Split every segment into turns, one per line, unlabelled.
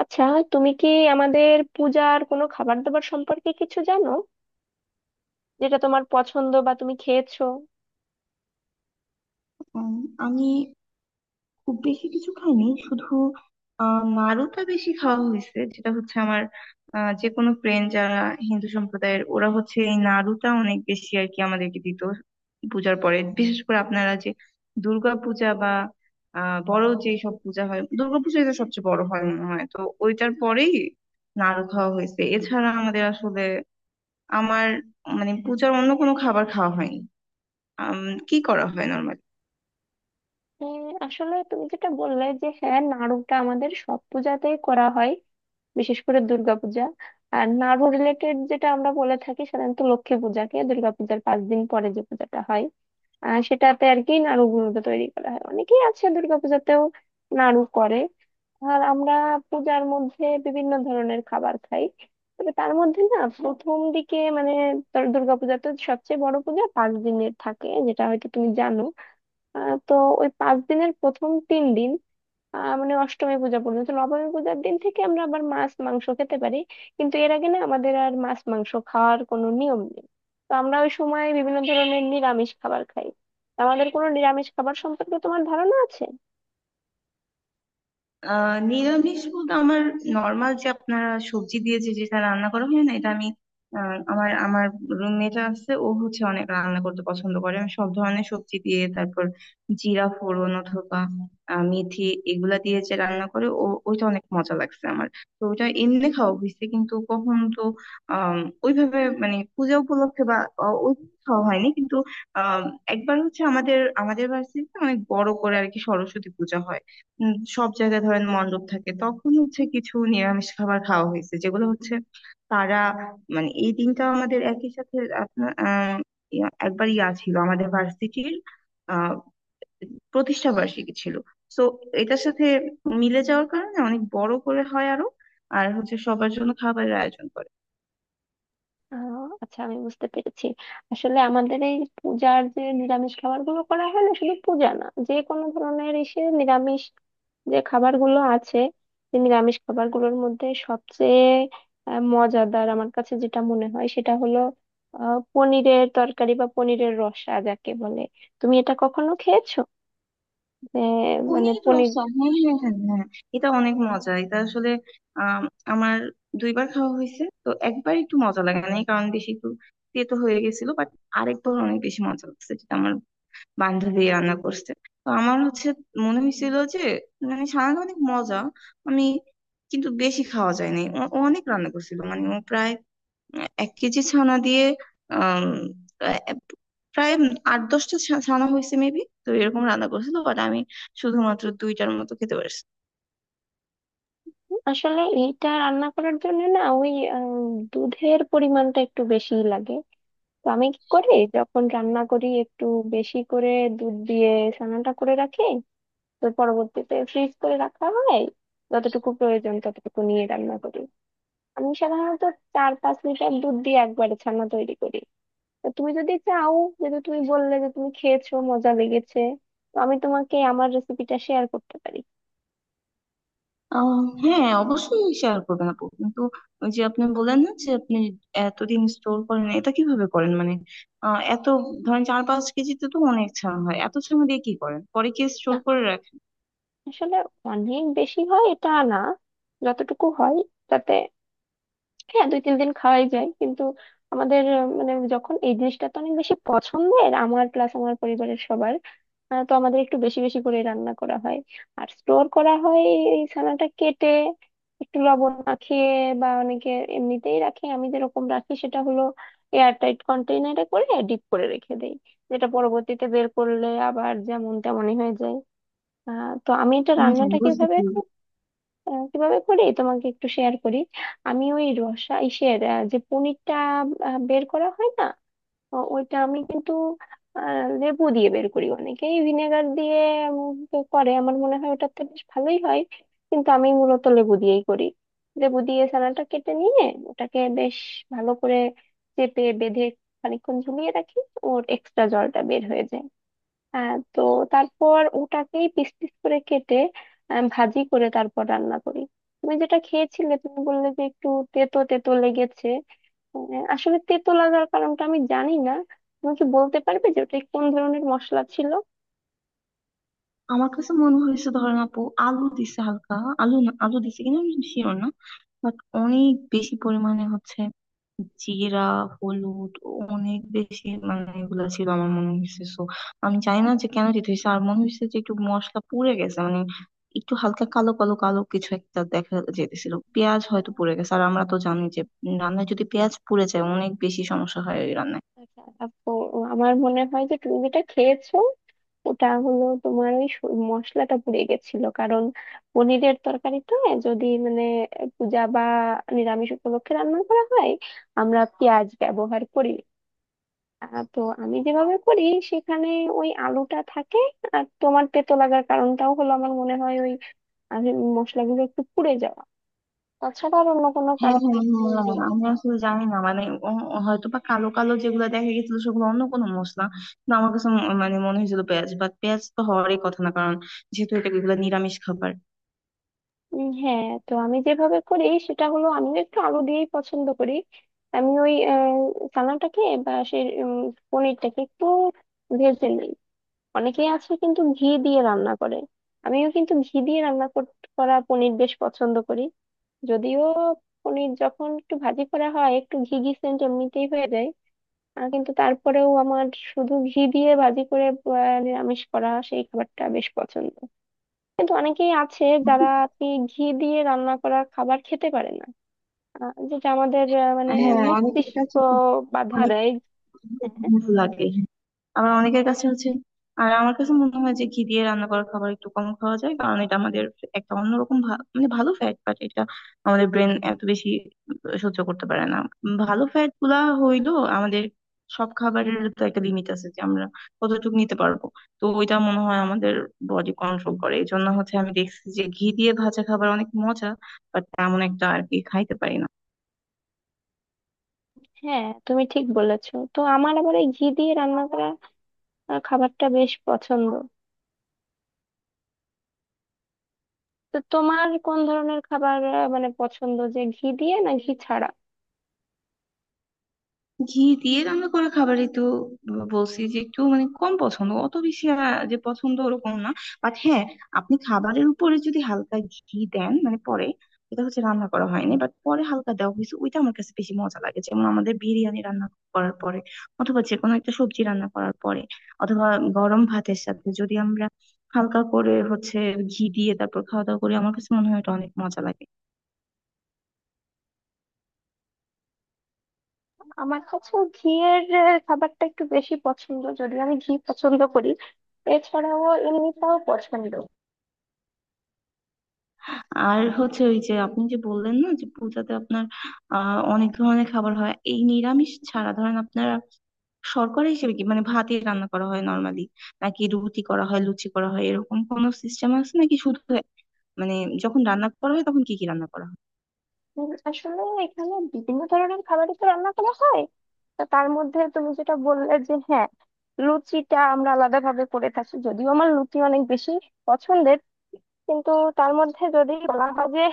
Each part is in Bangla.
আচ্ছা, তুমি কি আমাদের পূজার কোনো খাবার দাবার সম্পর্কে কিছু জানো, যেটা তোমার পছন্দ বা তুমি খেয়েছো?
উম, আমি খুব বেশি কিছু খাইনি। শুধু নাড়ুটা বেশি খাওয়া হয়েছে, যেটা হচ্ছে আমার যে কোনো ফ্রেন্ড যারা হিন্দু সম্প্রদায়ের, ওরা হচ্ছে এই নাড়ুটা অনেক বেশি আর কি আমাদেরকে দিত পূজার পরে। বিশেষ করে আপনারা যে দুর্গা পূজা বা বড় যে সব পূজা হয়, দুর্গাপূজাই তো সবচেয়ে বড় হয় মনে হয় তো, ওইটার পরেই নাড়ু খাওয়া হয়েছে। এছাড়া আমাদের আসলে আমার মানে পূজার অন্য কোনো খাবার খাওয়া হয়নি। আম, কি করা হয় নর্মালি?
হ্যাঁ, আসলে তুমি যেটা বললে যে হ্যাঁ, নাড়ুটা আমাদের সব পূজাতেই করা হয়, বিশেষ করে দুর্গাপূজা। আর নাড়ু রিলেটেড যেটা আমরা বলে থাকি, সাধারণত লক্ষ্মী পূজাকে দুর্গাপূজার 5 দিন পরে যে পূজাটা হয়, সেটাতে আর কি নাড়ু গুঁড়োটা তৈরি করা হয়। অনেকেই আছে দুর্গাপূজাতেও নাড়ু করে। আর আমরা পূজার মধ্যে বিভিন্ন ধরনের খাবার খাই, তবে তার মধ্যে না, প্রথম দিকে মানে তোর দুর্গাপূজা তো সবচেয়ে বড় পূজা, 5 দিনের থাকে, যেটা হয়তো তুমি জানো। তো ওই 5 দিনের প্রথম 3 দিন, মানে অষ্টমী পূজা পর্যন্ত, নবমী পূজার দিন থেকে আমরা আবার মাছ মাংস খেতে পারি, কিন্তু এর আগে না আমাদের আর মাছ মাংস খাওয়ার কোনো নিয়ম নেই। তো আমরা ওই সময় বিভিন্ন ধরনের নিরামিষ খাবার খাই। আমাদের কোনো নিরামিষ খাবার সম্পর্কে তোমার ধারণা আছে?
নিরামিষ বলতে আমার নর্মাল যে আপনারা সবজি দিয়ে যে যেটা রান্না করা হয় না, এটা আমি আহ, আমার আমার রুমমেট আছে, ও হচ্ছে অনেক রান্না করতে পছন্দ করে। আমি সব ধরনের সবজি দিয়ে তারপর জিরা ফোড়ন অথবা মেথি এগুলা দিয়ে যে রান্না করে ও, ওইটা অনেক মজা লাগছে আমার। তো ওটা এমনি খাওয়া হয়েছে, কিন্তু কখন তো আহ ওইভাবে মানে পূজা উপলক্ষে বা আহ, ওই খাওয়া হয়নি, কিন্তু আহ একবার হচ্ছে আমাদের আমাদের বাড়িতে অনেক বড় করে আর কি সরস্বতী পূজা হয়। সব জায়গায় ধরেন মণ্ডপ থাকে, তখন হচ্ছে কিছু নিরামিষ খাবার খাওয়া হয়েছে, যেগুলো হচ্ছে তারা মানে এই দিনটা আমাদের একই সাথে আপনার একবার ইয়া ছিল আমাদের ভার্সিটির আহ প্রতিষ্ঠা বার্ষিকী ছিল। তো এটার সাথে মিলে যাওয়ার কারণে অনেক বড় করে হয় আরো, আর হচ্ছে সবার জন্য খাবারের আয়োজন করে।
আহ আচ্ছা, আমি বুঝতে পেরেছি। আসলে আমাদের এই পূজার যে নিরামিষ খাবার গুলো করা হয়, না শুধু পূজা না, যে কোনো ধরনের এসে নিরামিষ যে খাবারগুলো আছে, যে নিরামিষ খাবারগুলোর মধ্যে সবচেয়ে মজাদার আমার কাছে যেটা মনে হয় সেটা হলো পনিরের তরকারি বা পনিরের রসা যাকে বলে। তুমি এটা কখনো খেয়েছো? যে, মানে
পনির
পনির
রসা,
দিয়ে?
হ্যাঁ হ্যাঁ হ্যাঁ হ্যাঁ, এটা অনেক মজা। এটা আসলে আম, আমার দুইবার খাওয়া হয়েছে তো। একবার একটু মজা লাগে না, কারণ বেশি একটু তেতো হয়ে গেছিল, বাট আরেকবার অনেক বেশি মজা লাগছে, যেটা আমার বান্ধবী রান্না করছে। তো আমার হচ্ছে মনে হয়েছিল যে মানে সারাটা অনেক মজা, আমি কিন্তু বেশি খাওয়া যায় নাই। ও ও অনেক রান্না করছিল, মানে ও প্রায় এক কেজি ছানা দিয়ে আম, আহ, প্রায় আট দশটা ছানা হয়েছে মেবি, তো এরকম রান্না করেছিল, বাট আমি শুধুমাত্র দুইটার মতো খেতে পারছি।
আসলে এইটা রান্না করার জন্য না, ওই দুধের পরিমাণটা একটু বেশিই লাগে। তো আমি কি করি, যখন রান্না করি একটু বেশি করে দুধ দিয়ে ছানাটা করে রাখি। তো পরবর্তীতে ফ্রিজ করে রাখা হয়, যতটুকু প্রয়োজন ততটুকু নিয়ে রান্না করি। আমি সাধারণত 4-5 লিটার দুধ দিয়ে একবারে ছানা তৈরি করি। তো তুমি যদি চাও, যেহেতু তুমি বললে যে তুমি খেয়েছো, মজা লেগেছে, তো আমি তোমাকে আমার রেসিপিটা শেয়ার করতে পারি।
আহ, হ্যাঁ অবশ্যই শেয়ার করবেন আপু, কিন্তু ওই যে আপনি বললেন না যে আপনি এতদিন স্টোর করেন, এটা কিভাবে করেন মানে এত ধরেন চার পাঁচ কেজিতে তো অনেক ছানা হয়, এত ছানা দিয়ে কি করেন পরে? কি
না,
স্টোর করে রাখেন?
আসলে অনেক বেশি হয় এটা না, যতটুকু হয় তাতে হ্যাঁ, 2-3 দিন খাওয়াই যায়, কিন্তু আমাদের মানে যখন এই জিনিসটা তো অনেক বেশি পছন্দের আমার প্লাস আমার পরিবারের সবার, তো আমাদের একটু বেশি বেশি করে রান্না করা হয় আর স্টোর করা হয়। এই ছানাটা কেটে একটু লবণ মাখিয়ে বা অনেকে এমনিতেই রাখে। আমি যেরকম রাখি সেটা হলো এয়ার টাইট কন্টেইনারে করে ডিপ করে রেখে দেই, যেটা পরবর্তীতে বের করলে আবার যেমন তেমনই হয়ে যায়। তো আমি এটা
হম,
রান্নাটা কিভাবে,
বুঝেছি।
কিভাবে করি তোমাকে একটু শেয়ার করি। আমি ওই রসা ইসের যে পনিরটা বের করা হয় না, ওইটা আমি কিন্তু লেবু দিয়ে বের করি। অনেকেই ভিনেগার দিয়ে তো করে, আমার মনে হয় ওটাতে বেশ ভালোই হয়, কিন্তু আমি মূলত লেবু দিয়েই করি। লেবু দিয়ে ছানাটা কেটে নিয়ে ওটাকে বেশ ভালো করে চেপে বেঁধে খানিকক্ষণ ঝুলিয়ে রাখি, ওর এক্সট্রা জলটা বের হয়ে যায়। তো তারপর ওটাকেই পিস পিস করে কেটে ভাজি করে তারপর রান্না করি। তুমি যেটা খেয়েছিলে, তুমি বললে যে একটু তেতো তেতো লেগেছে, আসলে তেতো লাগার কারণটা আমি জানি না। তুমি কি বলতে পারবে যে ওটা কোন ধরনের মশলা ছিল?
আমার কাছে মনে হয়েছে ধরেন আপু আলু দিছে হালকা, আলু না, আলু দিছে কিনা আমি শিওর না, বাট অনেক বেশি পরিমাণে হচ্ছে জিরা, হলুদ অনেক বেশি, মানে এগুলা ছিল আমার মনে হয়েছে। সো আমি জানি না যে কেন দিতে হয়েছে, আর মনে হয়েছে যে একটু মশলা পুড়ে গেছে, মানে একটু হালকা কালো কালো কালো কিছু একটা দেখা যেতেছিল, পেঁয়াজ হয়তো পুড়ে গেছে, আর আমরা তো জানি যে রান্নায় যদি পেঁয়াজ পুড়ে যায় অনেক বেশি সমস্যা হয় রান্নায়।
আচ্ছা, আপু, আমার মনে হয় যে তুমি যেটা খেয়েছো, ওটা হলো তোমার ওই মশলাটা পুড়ে গেছিল, কারণ পনিরের তরকারিতে যদি মানে পূজা বা নিরামিষ উপলক্ষে রান্না করা হয়, আমরা পেঁয়াজ ব্যবহার করি। তো আমি যেভাবে করি সেখানে ওই আলুটা থাকে, আর তোমার তেতো লাগার কারণটাও হলো আমার মনে হয় ওই আহ, মশলাগুলো একটু পুড়ে যাওয়া, তাছাড়া আর অন্য কোনো
হ্যাঁ
কারণ
হ্যাঁ হ্যাঁ,
নেই।
আমি আসলে জানি না মানে হয়তো বা কালো কালো যেগুলো দেখা গেছিল সেগুলো অন্য কোনো মশলা, কিন্তু আমার কাছে মানে মনে হয়েছিল পেঁয়াজ, বাট পেঁয়াজ তো হওয়ারই কথা না, কারণ যেহেতু এটা এগুলো নিরামিষ খাবার।
হ্যাঁ, তো আমি যেভাবে করি সেটা হলো আমি একটু আলু দিয়েই পছন্দ করি। আমি ওই চানাটাকে বা সেই পনিরটাকে একটু ভেজে নিই। অনেকেই আছে কিন্তু ঘি দিয়ে রান্না করে, আমিও কিন্তু ঘি দিয়ে করা পনির বেশ পছন্দ করি। যদিও পনির যখন একটু ভাজি করা হয় একটু ঘি ঘি সেন্ট এমনিতেই হয়ে যায়, কিন্তু তারপরেও আমার শুধু ঘি দিয়ে ভাজি করে নিরামিষ করা সেই খাবারটা বেশ পছন্দ। কিন্তু অনেকেই আছে যারা আর কি ঘি দিয়ে রান্না করা খাবার খেতে পারে না, যেটা আমাদের মানে
হ্যাঁ, অনেকের
মস্তিষ্ক
কাছে তো
বাধা
অনেক
দেয়। হ্যাঁ।
ভালো লাগে, আবার অনেকের কাছে হচ্ছে। আর আমার কাছে মনে হয় যে ঘি দিয়ে রান্না করা খাবার একটু কম খাওয়া যায়, কারণ এটা আমাদের একটা অন্যরকম মানে ভালো ফ্যাট, বাট এটা আমাদের ব্রেন এত বেশি সহ্য করতে পারে না। ভালো ফ্যাট গুলা হইলো আমাদের, সব খাবারের তো একটা লিমিট আছে যে আমরা কতটুকু নিতে পারবো। তো ওইটা মনে হয় আমাদের বডি কন্ট্রোল করে, এই জন্য হচ্ছে আমি দেখছি যে ঘি দিয়ে ভাজা খাবার অনেক মজা, বাট তেমন একটা আর কি খাইতে পারি না।
হ্যাঁ, তুমি ঠিক বলেছো। তো আমার আবার এই ঘি দিয়ে রান্না করা খাবারটা বেশ পছন্দ। তো তোমার কোন ধরনের খাবার মানে পছন্দ, যে ঘি দিয়ে না ঘি ছাড়া?
ঘি দিয়ে রান্না করা খাবারই তো বলছি যে একটু মানে কম পছন্দ, অত বেশি যে পছন্দ ওরকম না, বাট হ্যাঁ, আপনি খাবারের উপরে যদি হালকা ঘি দেন মানে পরে, এটা হচ্ছে রান্না করা হয়নি, বাট পরে হালকা দেওয়া হয়েছে, ওইটা আমার কাছে বেশি মজা লাগে। যেমন আমাদের বিরিয়ানি রান্না করার পরে অথবা যে কোনো একটা সবজি রান্না করার পরে অথবা গরম ভাতের সাথে যদি আমরা হালকা করে হচ্ছে ঘি দিয়ে তারপর খাওয়া দাওয়া করি, আমার কাছে মনে হয় এটা অনেক মজা লাগে।
আমার কাছে ঘিয়ের খাবারটা একটু বেশি পছন্দ, যদিও আমি ঘি পছন্দ করি, এছাড়াও এমনিটাও পছন্দ।
আর হচ্ছে ওই যে আপনি যে বললেন না যে পূজাতে আপনার অনেক ধরনের খাবার হয় এই নিরামিষ ছাড়া, ধরেন আপনারা শর্করা হিসেবে কি মানে ভাতই রান্না করা হয় নর্মালি, নাকি রুটি করা হয়, লুচি করা হয়, এরকম কোনো সিস্টেম আছে নাকি শুধু মানে যখন রান্না করা হয় তখন কি কি রান্না করা হয়?
আসলে এখানে বিভিন্ন ধরনের খাবারই তো রান্না করা হয়। তা তার মধ্যে তুমি যেটা বললে যে হ্যাঁ, লুচিটা আমরা আলাদা ভাবে করে থাকি, যদিও আমার লুচি অনেক বেশি পছন্দের। কিন্তু তার মধ্যে যদি বলা হয় যে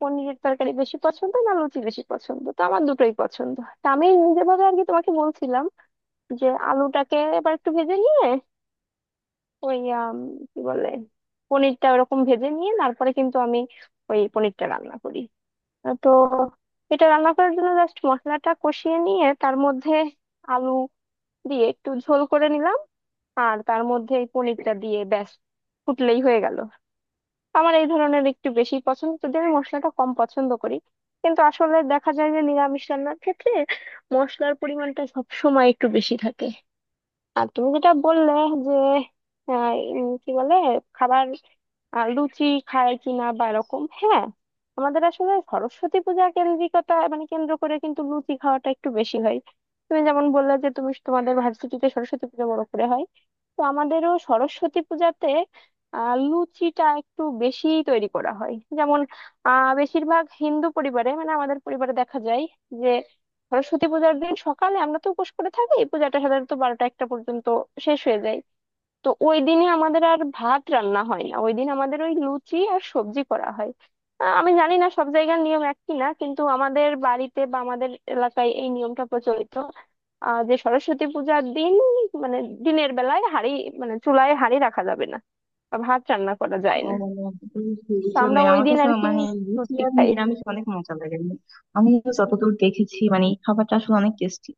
পনিরের তরকারি বেশি পছন্দ না লুচি বেশি পছন্দ, তো আমার দুটোই পছন্দ। তা আমি নিজের ভাবে আর কি তোমাকে বলছিলাম যে আলুটাকে এবার একটু ভেজে নিয়ে ওই কি বলে, পনিরটা ওরকম ভেজে নিয়ে তারপরে কিন্তু আমি ওই পনিরটা রান্না করি। তো এটা রান্না করার জন্য জাস্ট মশলাটা কষিয়ে নিয়ে তার মধ্যে আলু দিয়ে একটু ঝোল করে নিলাম, আর তার মধ্যে এই পনিরটা দিয়ে ব্যাস, ফুটলেই হয়ে গেল। আমার এই ধরনের একটু বেশি পছন্দ, যদি আমি মশলাটা কম পছন্দ করি, কিন্তু আসলে দেখা যায় যে নিরামিষ রান্নার ক্ষেত্রে মশলার পরিমাণটা সব সময় একটু বেশি থাকে। আর তুমি যেটা বললে যে আহ, কি বলে, খাবার, লুচি খায় কিনা বা এরকম, হ্যাঁ, আমাদের আসলে সরস্বতী পূজা কেন্দ্রিকতা মানে কেন্দ্র করে কিন্তু লুচি খাওয়াটা একটু বেশি হয়। তুমি যেমন বললে যে তুমি তোমাদের ভার্সিটিতে সরস্বতী পূজা বড় করে হয়, তো আমাদেরও সরস্বতী পূজাতে লুচিটা একটু বেশি তৈরি করা হয়। যেমন বেশিরভাগ হিন্দু পরিবারে মানে আমাদের পরিবারে দেখা যায় যে সরস্বতী পূজার দিন সকালে আমরা তো উপোস করে থাকি, পূজাটা সাধারণত 12টা-1টা পর্যন্ত শেষ হয়ে যায়। তো ওই দিনে আমাদের আর ভাত রান্না হয় না, ওই দিন আমাদের ওই লুচি আর সবজি করা হয়। আমি জানি না সব জায়গার নিয়ম একই না, কিন্তু আমাদের বাড়িতে বা আমাদের এলাকায় এই নিয়মটা প্রচলিত যে সরস্বতী পূজার দিন মানে দিনের বেলায় হাঁড়ি, মানে চুলায় হাঁড়ি রাখা যাবে না বা ভাত রান্না করা যায়
ও,
না।
বুঝছি, এই
তো
জন্য
আমরা ওই
আমার
দিন
কাছে
আর কি
মানে লুচি
লুচি
আর
খাই।
নিরামিষ অনেক মজা লাগে। আমি যতদূর দেখেছি মানে এই খাবারটা আসলে অনেক টেস্টি।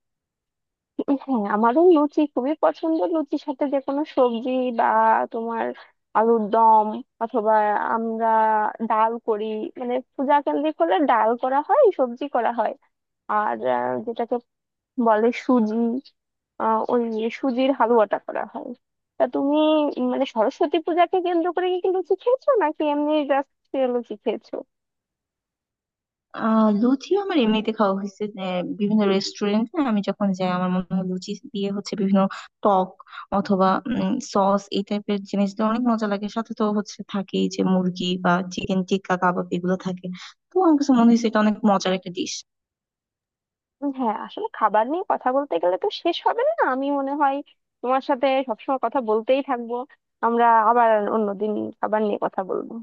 হ্যাঁ, আমারও লুচি খুবই পছন্দ। লুচির সাথে যে কোনো সবজি বা তোমার আলুর দম, অথবা আমরা ডাল করি, মানে পূজা কেন্দ্রিক হলে ডাল করা হয়, সবজি করা হয়। আর যেটাকে বলে সুজি, ওই সুজির হালুয়াটা করা হয়। তা তুমি মানে সরস্বতী পূজাকে কেন্দ্র করে কি কি লুচি খেয়েছো নাকি এমনি জাস্ট লুচি খেয়েছো?
লুচি আমার এমনিতে খাওয়া হয়েছে যে বিভিন্ন রেস্টুরেন্টে আমি যখন যাই, আমার মনে হয় লুচি দিয়ে হচ্ছে বিভিন্ন টক অথবা সস এই টাইপের জিনিস দিয়ে অনেক মজা লাগে, সাথে তো হচ্ছে থাকেই যে মুরগি বা চিকেন টিক্কা কাবাব এগুলো থাকে। তো আমার কাছে মনে হয়েছে এটা অনেক মজার একটা ডিশ।
হ্যাঁ, আসলে খাবার নিয়ে কথা বলতে গেলে তো শেষ হবে না, আমি মনে হয় তোমার সাথে সবসময় কথা বলতেই থাকবো। আমরা আবার অন্যদিন খাবার নিয়ে কথা বলবো।